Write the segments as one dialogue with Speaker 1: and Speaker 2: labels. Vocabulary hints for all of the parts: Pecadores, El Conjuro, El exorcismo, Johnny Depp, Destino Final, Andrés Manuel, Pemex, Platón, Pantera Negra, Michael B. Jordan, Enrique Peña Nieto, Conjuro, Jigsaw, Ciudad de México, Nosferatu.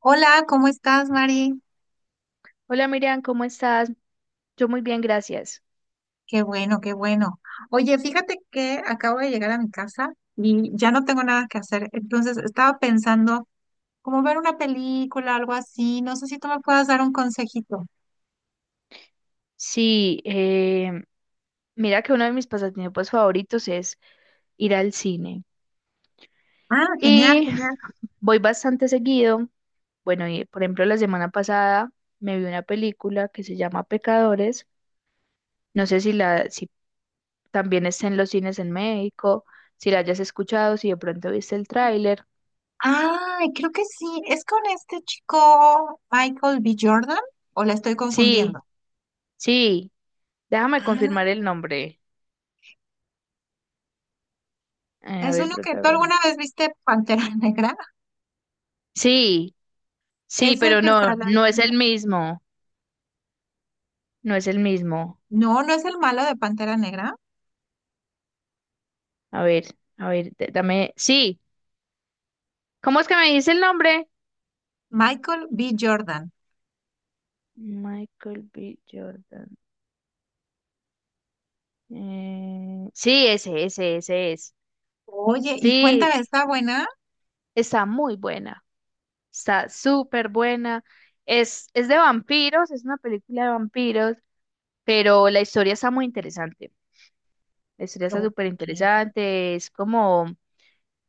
Speaker 1: Hola, ¿cómo estás, Mari?
Speaker 2: Hola Miriam, ¿cómo estás? Yo muy bien, gracias.
Speaker 1: Qué bueno, qué bueno. Oye, fíjate que acabo de llegar a mi casa y ya no tengo nada que hacer. Entonces estaba pensando como ver una película, algo así. No sé si tú me puedas dar un consejito.
Speaker 2: Sí, mira que uno de mis pasatiempos favoritos es ir al cine.
Speaker 1: Ah, genial,
Speaker 2: Y
Speaker 1: genial.
Speaker 2: voy bastante seguido. Bueno, y por ejemplo, la semana pasada me vi una película que se llama Pecadores. No sé si también está en los cines en México, si la hayas escuchado, si de pronto viste el tráiler.
Speaker 1: Ay, creo que sí. ¿Es con este chico Michael B. Jordan o la estoy
Speaker 2: Sí,
Speaker 1: confundiendo?
Speaker 2: sí, déjame
Speaker 1: Ah,
Speaker 2: confirmar el nombre. A
Speaker 1: es
Speaker 2: ver,
Speaker 1: uno que tú
Speaker 2: protagonista.
Speaker 1: alguna vez viste Pantera Negra.
Speaker 2: Sí, sí,
Speaker 1: Es el
Speaker 2: pero
Speaker 1: que
Speaker 2: no,
Speaker 1: sale ahí,
Speaker 2: no es
Speaker 1: ¿no?
Speaker 2: el mismo. No es el mismo.
Speaker 1: No, no es el malo de Pantera Negra.
Speaker 2: A ver, a ver, dame. Sí, ¿cómo es que me dice el nombre?
Speaker 1: Michael B. Jordan.
Speaker 2: Michael B. Jordan. Sí, ese es.
Speaker 1: Oye, y cuéntame,
Speaker 2: Sí,
Speaker 1: ¿está buena?
Speaker 2: está muy buena. Está súper buena. Es de vampiros, es una película de vampiros, pero la historia está muy interesante. La historia está
Speaker 1: Ok.
Speaker 2: súper interesante. Es como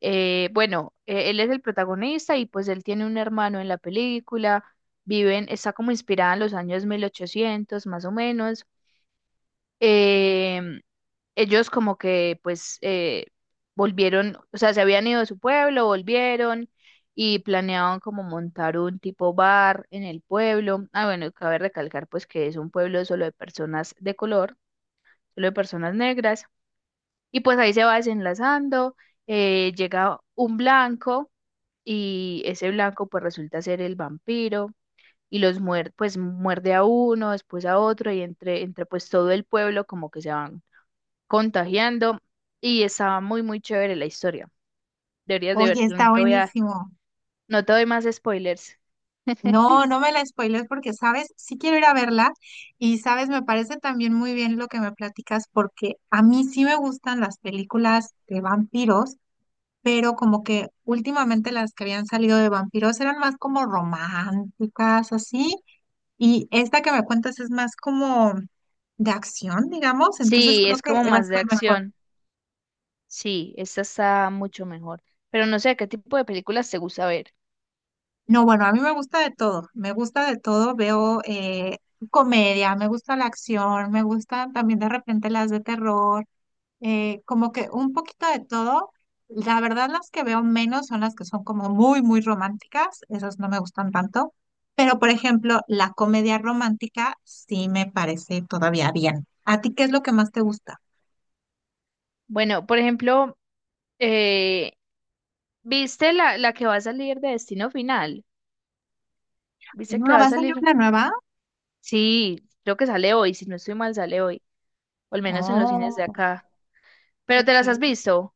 Speaker 2: Bueno, él es el protagonista y pues él tiene un hermano en la película, viven, está como inspirada en los años 1800 más o menos. Em, Ellos como que pues volvieron, o sea, se habían ido de su pueblo, volvieron y planeaban como montar un tipo bar en el pueblo. Ah, bueno, cabe recalcar pues que es un pueblo solo de personas de color, solo de personas negras. Y pues ahí se va desenlazando, llega un blanco y ese blanco pues resulta ser el vampiro y los muerde, pues muerde a uno, después a otro y entre pues todo el pueblo como que se van contagiando y estaba muy muy chévere la historia. Deberías de
Speaker 1: Oye,
Speaker 2: verlo,
Speaker 1: está buenísimo.
Speaker 2: no te doy más spoilers.
Speaker 1: No, no me la spoiles porque, sabes, sí quiero ir a verla y, sabes, me parece también muy bien lo que me platicas porque a mí sí me gustan las películas de vampiros, pero como que últimamente las que habían salido de vampiros eran más como románticas, así, y esta que me cuentas es más como de acción, digamos, entonces
Speaker 2: Sí,
Speaker 1: creo
Speaker 2: es
Speaker 1: que
Speaker 2: como
Speaker 1: va a
Speaker 2: más de
Speaker 1: estar mejor.
Speaker 2: acción. Sí, esta está mucho mejor. Pero no sé, ¿qué tipo de películas te gusta ver?
Speaker 1: No, bueno, a mí me gusta de todo, me gusta de todo, veo comedia, me gusta la acción, me gustan también de repente las de terror, como que un poquito de todo. La verdad, las que veo menos son las que son como muy, muy románticas, esas no me gustan tanto, pero por ejemplo, la comedia romántica sí me parece todavía bien. ¿A ti qué es lo que más te gusta?
Speaker 2: Bueno, por ejemplo, eh, ¿viste la que va a salir de Destino Final? ¿Viste que
Speaker 1: Ah,
Speaker 2: va a
Speaker 1: ¿vas a ver
Speaker 2: salir?
Speaker 1: una nueva?
Speaker 2: Sí, creo que sale hoy, si no estoy mal, sale hoy, o al menos en los cines
Speaker 1: Oh,
Speaker 2: de acá. Pero te
Speaker 1: ok.
Speaker 2: las has visto,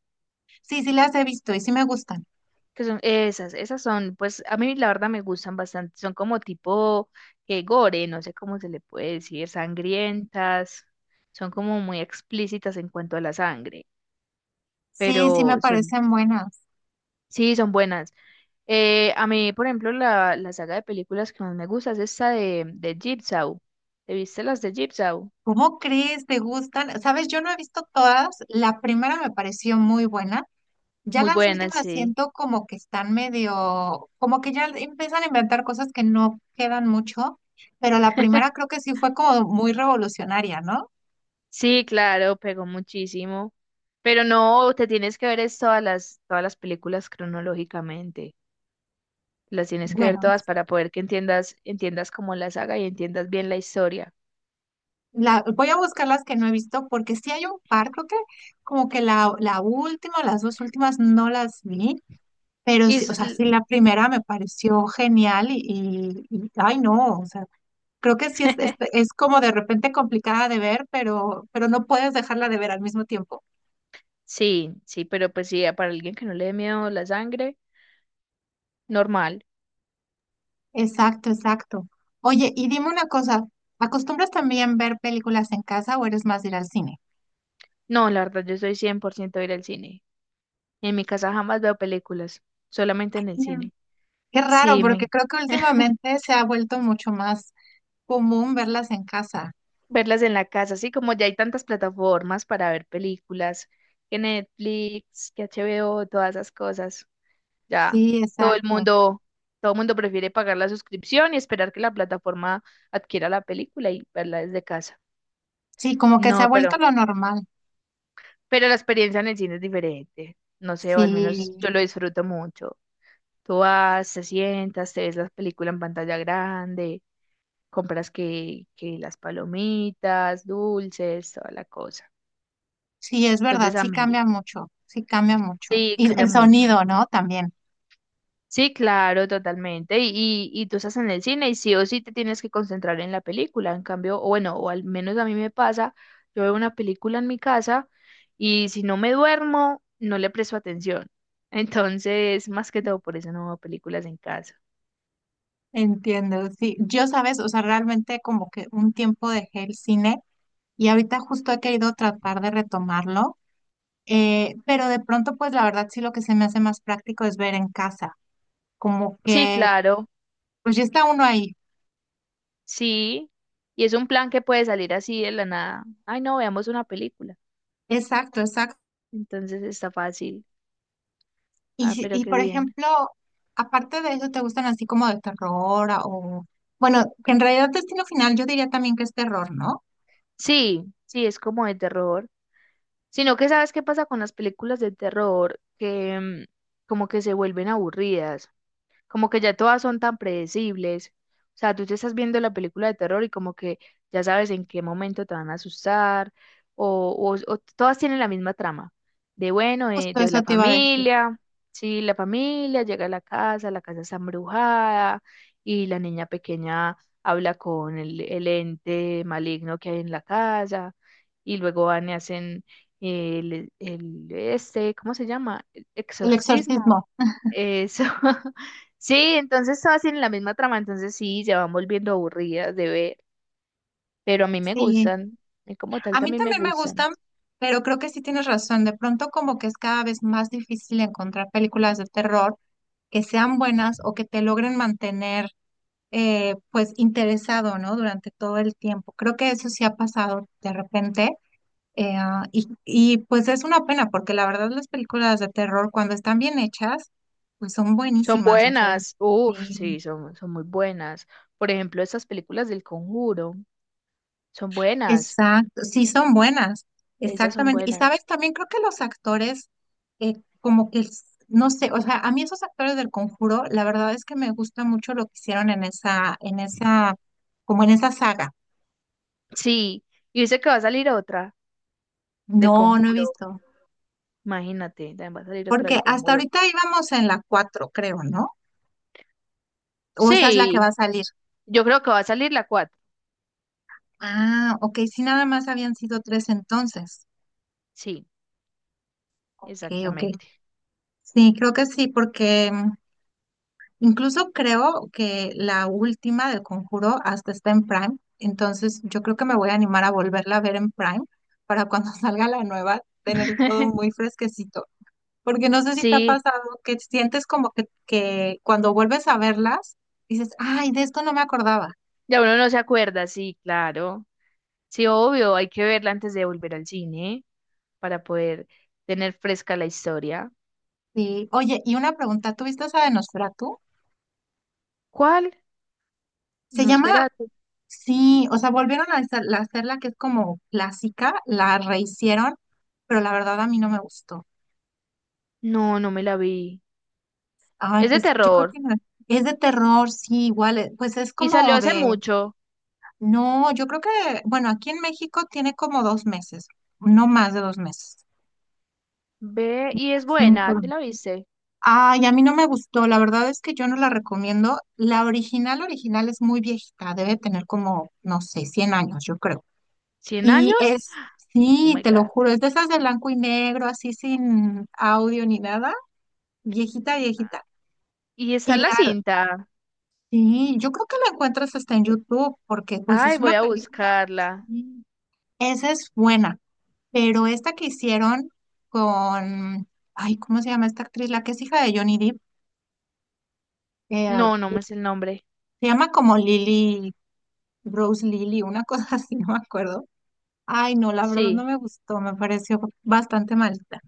Speaker 1: Sí, sí las he visto y sí me gustan.
Speaker 2: que son esas, pues a mí la verdad me gustan bastante, son como tipo gore, no sé cómo se le puede decir, sangrientas, son como muy explícitas en cuanto a la sangre,
Speaker 1: Sí, sí me
Speaker 2: pero son,
Speaker 1: parecen buenas.
Speaker 2: sí, son buenas. A mí, por ejemplo, la saga de películas que más me gusta es esta de Jigsaw. ¿Te viste las de Jigsaw?
Speaker 1: ¿Cómo crees? ¿Te gustan? Sabes, yo no he visto todas. La primera me pareció muy buena. Ya
Speaker 2: Muy
Speaker 1: las
Speaker 2: buenas,
Speaker 1: últimas
Speaker 2: sí.
Speaker 1: siento como que están medio, como que ya empiezan a inventar cosas que no quedan mucho, pero la primera creo que sí fue como muy revolucionaria, ¿no?
Speaker 2: Sí, claro, pegó muchísimo. Pero no, te tienes que ver es todas las películas cronológicamente. Las tienes que ver
Speaker 1: Bueno,
Speaker 2: todas para poder que entiendas como la saga y entiendas bien la historia.
Speaker 1: voy a buscar las que no he visto porque sí hay un par, creo que como que la última, o las dos últimas no las vi, pero
Speaker 2: Y
Speaker 1: sí,
Speaker 2: s-
Speaker 1: o sea,
Speaker 2: l-
Speaker 1: sí la primera me pareció genial, ay no, o sea. Creo que sí es, es, es como de repente complicada de ver, pero no puedes dejarla de ver al mismo tiempo.
Speaker 2: sí, sí, pero pues sí, para alguien que no le dé miedo la sangre, normal.
Speaker 1: Exacto, exacto. Oye, y dime una cosa, ¿acostumbras también ver películas en casa o eres más de ir al cine?
Speaker 2: No, la verdad, yo soy 100% de ir al cine. En mi casa jamás veo películas, solamente en el
Speaker 1: Mira.
Speaker 2: cine.
Speaker 1: Qué raro,
Speaker 2: Sí,
Speaker 1: porque
Speaker 2: me
Speaker 1: creo que últimamente se ha vuelto mucho más común verlas en casa.
Speaker 2: verlas en la casa, así como ya hay tantas plataformas para ver películas, que Netflix, que HBO, todas esas cosas. Ya
Speaker 1: Sí,
Speaker 2: todo el
Speaker 1: exacto.
Speaker 2: mundo, todo el mundo prefiere pagar la suscripción y esperar que la plataforma adquiera la película y verla desde casa.
Speaker 1: Sí, como que se ha
Speaker 2: No,
Speaker 1: vuelto lo normal.
Speaker 2: pero la experiencia en el cine es diferente. No sé, o al menos
Speaker 1: Sí,
Speaker 2: yo lo disfruto mucho. Tú vas, te sientas, te ves la película en pantalla grande, compras que las palomitas, dulces, toda la cosa.
Speaker 1: sí, es verdad,
Speaker 2: Entonces a
Speaker 1: sí
Speaker 2: mí,
Speaker 1: cambia mucho, sí cambia mucho.
Speaker 2: Sí,
Speaker 1: Y
Speaker 2: cambia
Speaker 1: el
Speaker 2: mucho.
Speaker 1: sonido, ¿no? También.
Speaker 2: Sí, claro, totalmente. Y tú estás en el cine y sí o sí te tienes que concentrar en la película. En cambio, o bueno, o al menos a mí me pasa, yo veo una película en mi casa y si no me duermo, no le presto atención. Entonces, más que todo, por eso no veo películas en casa.
Speaker 1: Entiendo, sí. Yo, sabes, o sea, realmente como que un tiempo dejé el cine y ahorita justo he querido tratar de retomarlo, pero de pronto, pues la verdad sí lo que se me hace más práctico es ver en casa, como
Speaker 2: Sí,
Speaker 1: que,
Speaker 2: claro,
Speaker 1: pues ya está uno ahí.
Speaker 2: sí. Y es un plan que puede salir así de la nada. Ay, no, veamos una película.
Speaker 1: Exacto, exacto.
Speaker 2: Entonces está fácil.
Speaker 1: Y,
Speaker 2: Ah,
Speaker 1: si-
Speaker 2: pero
Speaker 1: y
Speaker 2: qué
Speaker 1: por
Speaker 2: bien.
Speaker 1: ejemplo, aparte de eso, ¿te gustan así como de terror o, bueno, que en realidad Destino Final yo diría también que es terror, ¿no?
Speaker 2: Sí, sí, es como de terror. Sino que sabes qué pasa con las películas de terror, que como que se vuelven aburridas como que ya todas son tan predecibles. O sea, tú te estás viendo la película de terror y como que ya sabes en qué momento te van a asustar, o, o todas tienen la misma trama, de bueno,
Speaker 1: Justo
Speaker 2: de
Speaker 1: eso
Speaker 2: la
Speaker 1: te iba a decir.
Speaker 2: familia, sí, la familia llega a la casa está embrujada y la niña pequeña habla con el ente maligno que hay en la casa y luego van y hacen el este, ¿cómo se llama?
Speaker 1: El
Speaker 2: Exorcismo
Speaker 1: exorcismo.
Speaker 2: eso. Sí, entonces todas tienen la misma trama, entonces sí, se van volviendo aburridas de ver, pero a mí me
Speaker 1: Sí,
Speaker 2: gustan, y como tal
Speaker 1: a mí
Speaker 2: también me
Speaker 1: también me
Speaker 2: gustan.
Speaker 1: gustan, pero creo que sí tienes razón. De pronto como que es cada vez más difícil encontrar películas de terror que sean buenas o que te logren mantener pues interesado, ¿no? Durante todo el tiempo. Creo que eso sí ha pasado de repente. Pues es una pena porque la verdad las películas de terror cuando están bien hechas, pues son
Speaker 2: Son
Speaker 1: buenísimas. O sea,
Speaker 2: buenas, uff,
Speaker 1: sí.
Speaker 2: sí, son muy buenas. Por ejemplo, esas películas del Conjuro, son buenas,
Speaker 1: Exacto, sí son buenas,
Speaker 2: esas son
Speaker 1: exactamente. Y
Speaker 2: buenas.
Speaker 1: sabes, también creo que los actores, eh, como que, no sé, o sea, a mí esos actores del Conjuro, la verdad es que me gusta mucho lo que hicieron como en esa saga.
Speaker 2: Sí, y dice que va a salir otra del
Speaker 1: No, no he
Speaker 2: Conjuro,
Speaker 1: visto,
Speaker 2: imagínate, también va a salir otra del
Speaker 1: porque hasta
Speaker 2: Conjuro.
Speaker 1: ahorita íbamos en la 4, creo, ¿no? O esa es la que va
Speaker 2: Sí,
Speaker 1: a salir.
Speaker 2: yo creo que va a salir la cuatro,
Speaker 1: Ah, ok, sí, nada más habían sido tres entonces.
Speaker 2: sí,
Speaker 1: Ok, ok.
Speaker 2: exactamente.
Speaker 1: Sí, creo que sí, porque incluso creo que la última del Conjuro hasta está en Prime, entonces yo creo que me voy a animar a volverla a ver en Prime para cuando salga la nueva tener todo muy fresquecito, porque no sé si te ha
Speaker 2: Sí,
Speaker 1: pasado que sientes como que cuando vuelves a verlas dices, ay, de esto no me acordaba.
Speaker 2: ya uno no se acuerda, sí, claro. Sí, obvio, hay que verla antes de volver al cine para poder tener fresca la historia.
Speaker 1: Sí. Oye, y una pregunta, ¿tú viste esa de Nosferatu?
Speaker 2: ¿Cuál?
Speaker 1: Se llama,
Speaker 2: Nosferatu.
Speaker 1: sí, o sea, volvieron a hacerla que es como clásica, la rehicieron, pero la verdad a mí no me gustó.
Speaker 2: No, no me la vi.
Speaker 1: Ay,
Speaker 2: Es de
Speaker 1: pues yo creo
Speaker 2: terror
Speaker 1: que no. Es de terror, sí, igual, pues es
Speaker 2: y salió
Speaker 1: como
Speaker 2: hace
Speaker 1: de,
Speaker 2: mucho.
Speaker 1: no, yo creo que, bueno, aquí en México tiene como 2 meses, no más de 2 meses.
Speaker 2: Ve y es
Speaker 1: En
Speaker 2: buena, ¿te
Speaker 1: Colombia.
Speaker 2: la viste?
Speaker 1: Ay, a mí no me gustó, la verdad es que yo no la recomiendo. La original, original es muy viejita, debe tener como, no sé, 100 años, yo creo.
Speaker 2: ¿Cien
Speaker 1: Y
Speaker 2: años?
Speaker 1: es,
Speaker 2: Oh
Speaker 1: sí,
Speaker 2: my
Speaker 1: te lo
Speaker 2: God.
Speaker 1: juro, es de esas de blanco y negro, así sin audio ni nada, viejita, viejita.
Speaker 2: Y
Speaker 1: Y
Speaker 2: está la
Speaker 1: la
Speaker 2: cinta.
Speaker 1: Sí, yo creo que la encuentras hasta en YouTube, porque pues
Speaker 2: Ay,
Speaker 1: es
Speaker 2: voy
Speaker 1: una
Speaker 2: a
Speaker 1: película.
Speaker 2: buscarla.
Speaker 1: Sí, esa es buena, pero esta que hicieron con, ay, ¿cómo se llama esta actriz? La que es hija de Johnny Depp, eh,
Speaker 2: No, no me es el nombre.
Speaker 1: se llama como Lily, Rose Lily, una cosa así, no me acuerdo. Ay, no, la verdad no
Speaker 2: Sí,
Speaker 1: me gustó, me pareció bastante malita.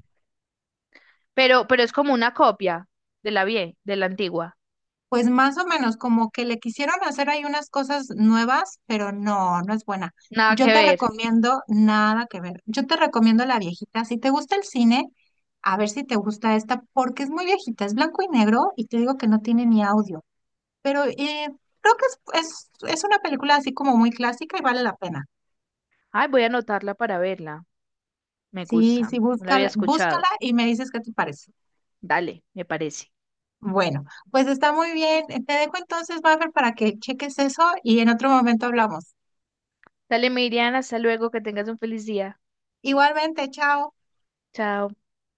Speaker 2: pero es como una copia de la antigua.
Speaker 1: Pues más o menos, como que le quisieron hacer ahí unas cosas nuevas, pero no, no es buena.
Speaker 2: Nada
Speaker 1: Yo
Speaker 2: que
Speaker 1: te
Speaker 2: ver.
Speaker 1: recomiendo nada que ver. Yo te recomiendo la viejita. Si te gusta el cine, a ver si te gusta esta, porque es muy viejita, es blanco y negro y te digo que no tiene ni audio. Pero creo que es una película así como muy clásica y vale la pena.
Speaker 2: Ay, voy a anotarla para verla. Me
Speaker 1: Sí,
Speaker 2: gusta.
Speaker 1: sí,
Speaker 2: No la había
Speaker 1: búscala, búscala
Speaker 2: escuchado.
Speaker 1: y me dices qué te parece.
Speaker 2: Dale, me parece.
Speaker 1: Bueno, pues está muy bien. Te dejo entonces, Maffer, para que cheques eso y en otro momento hablamos.
Speaker 2: Dale, Miriam, hasta luego, que tengas un feliz día.
Speaker 1: Igualmente, chao.
Speaker 2: Chao.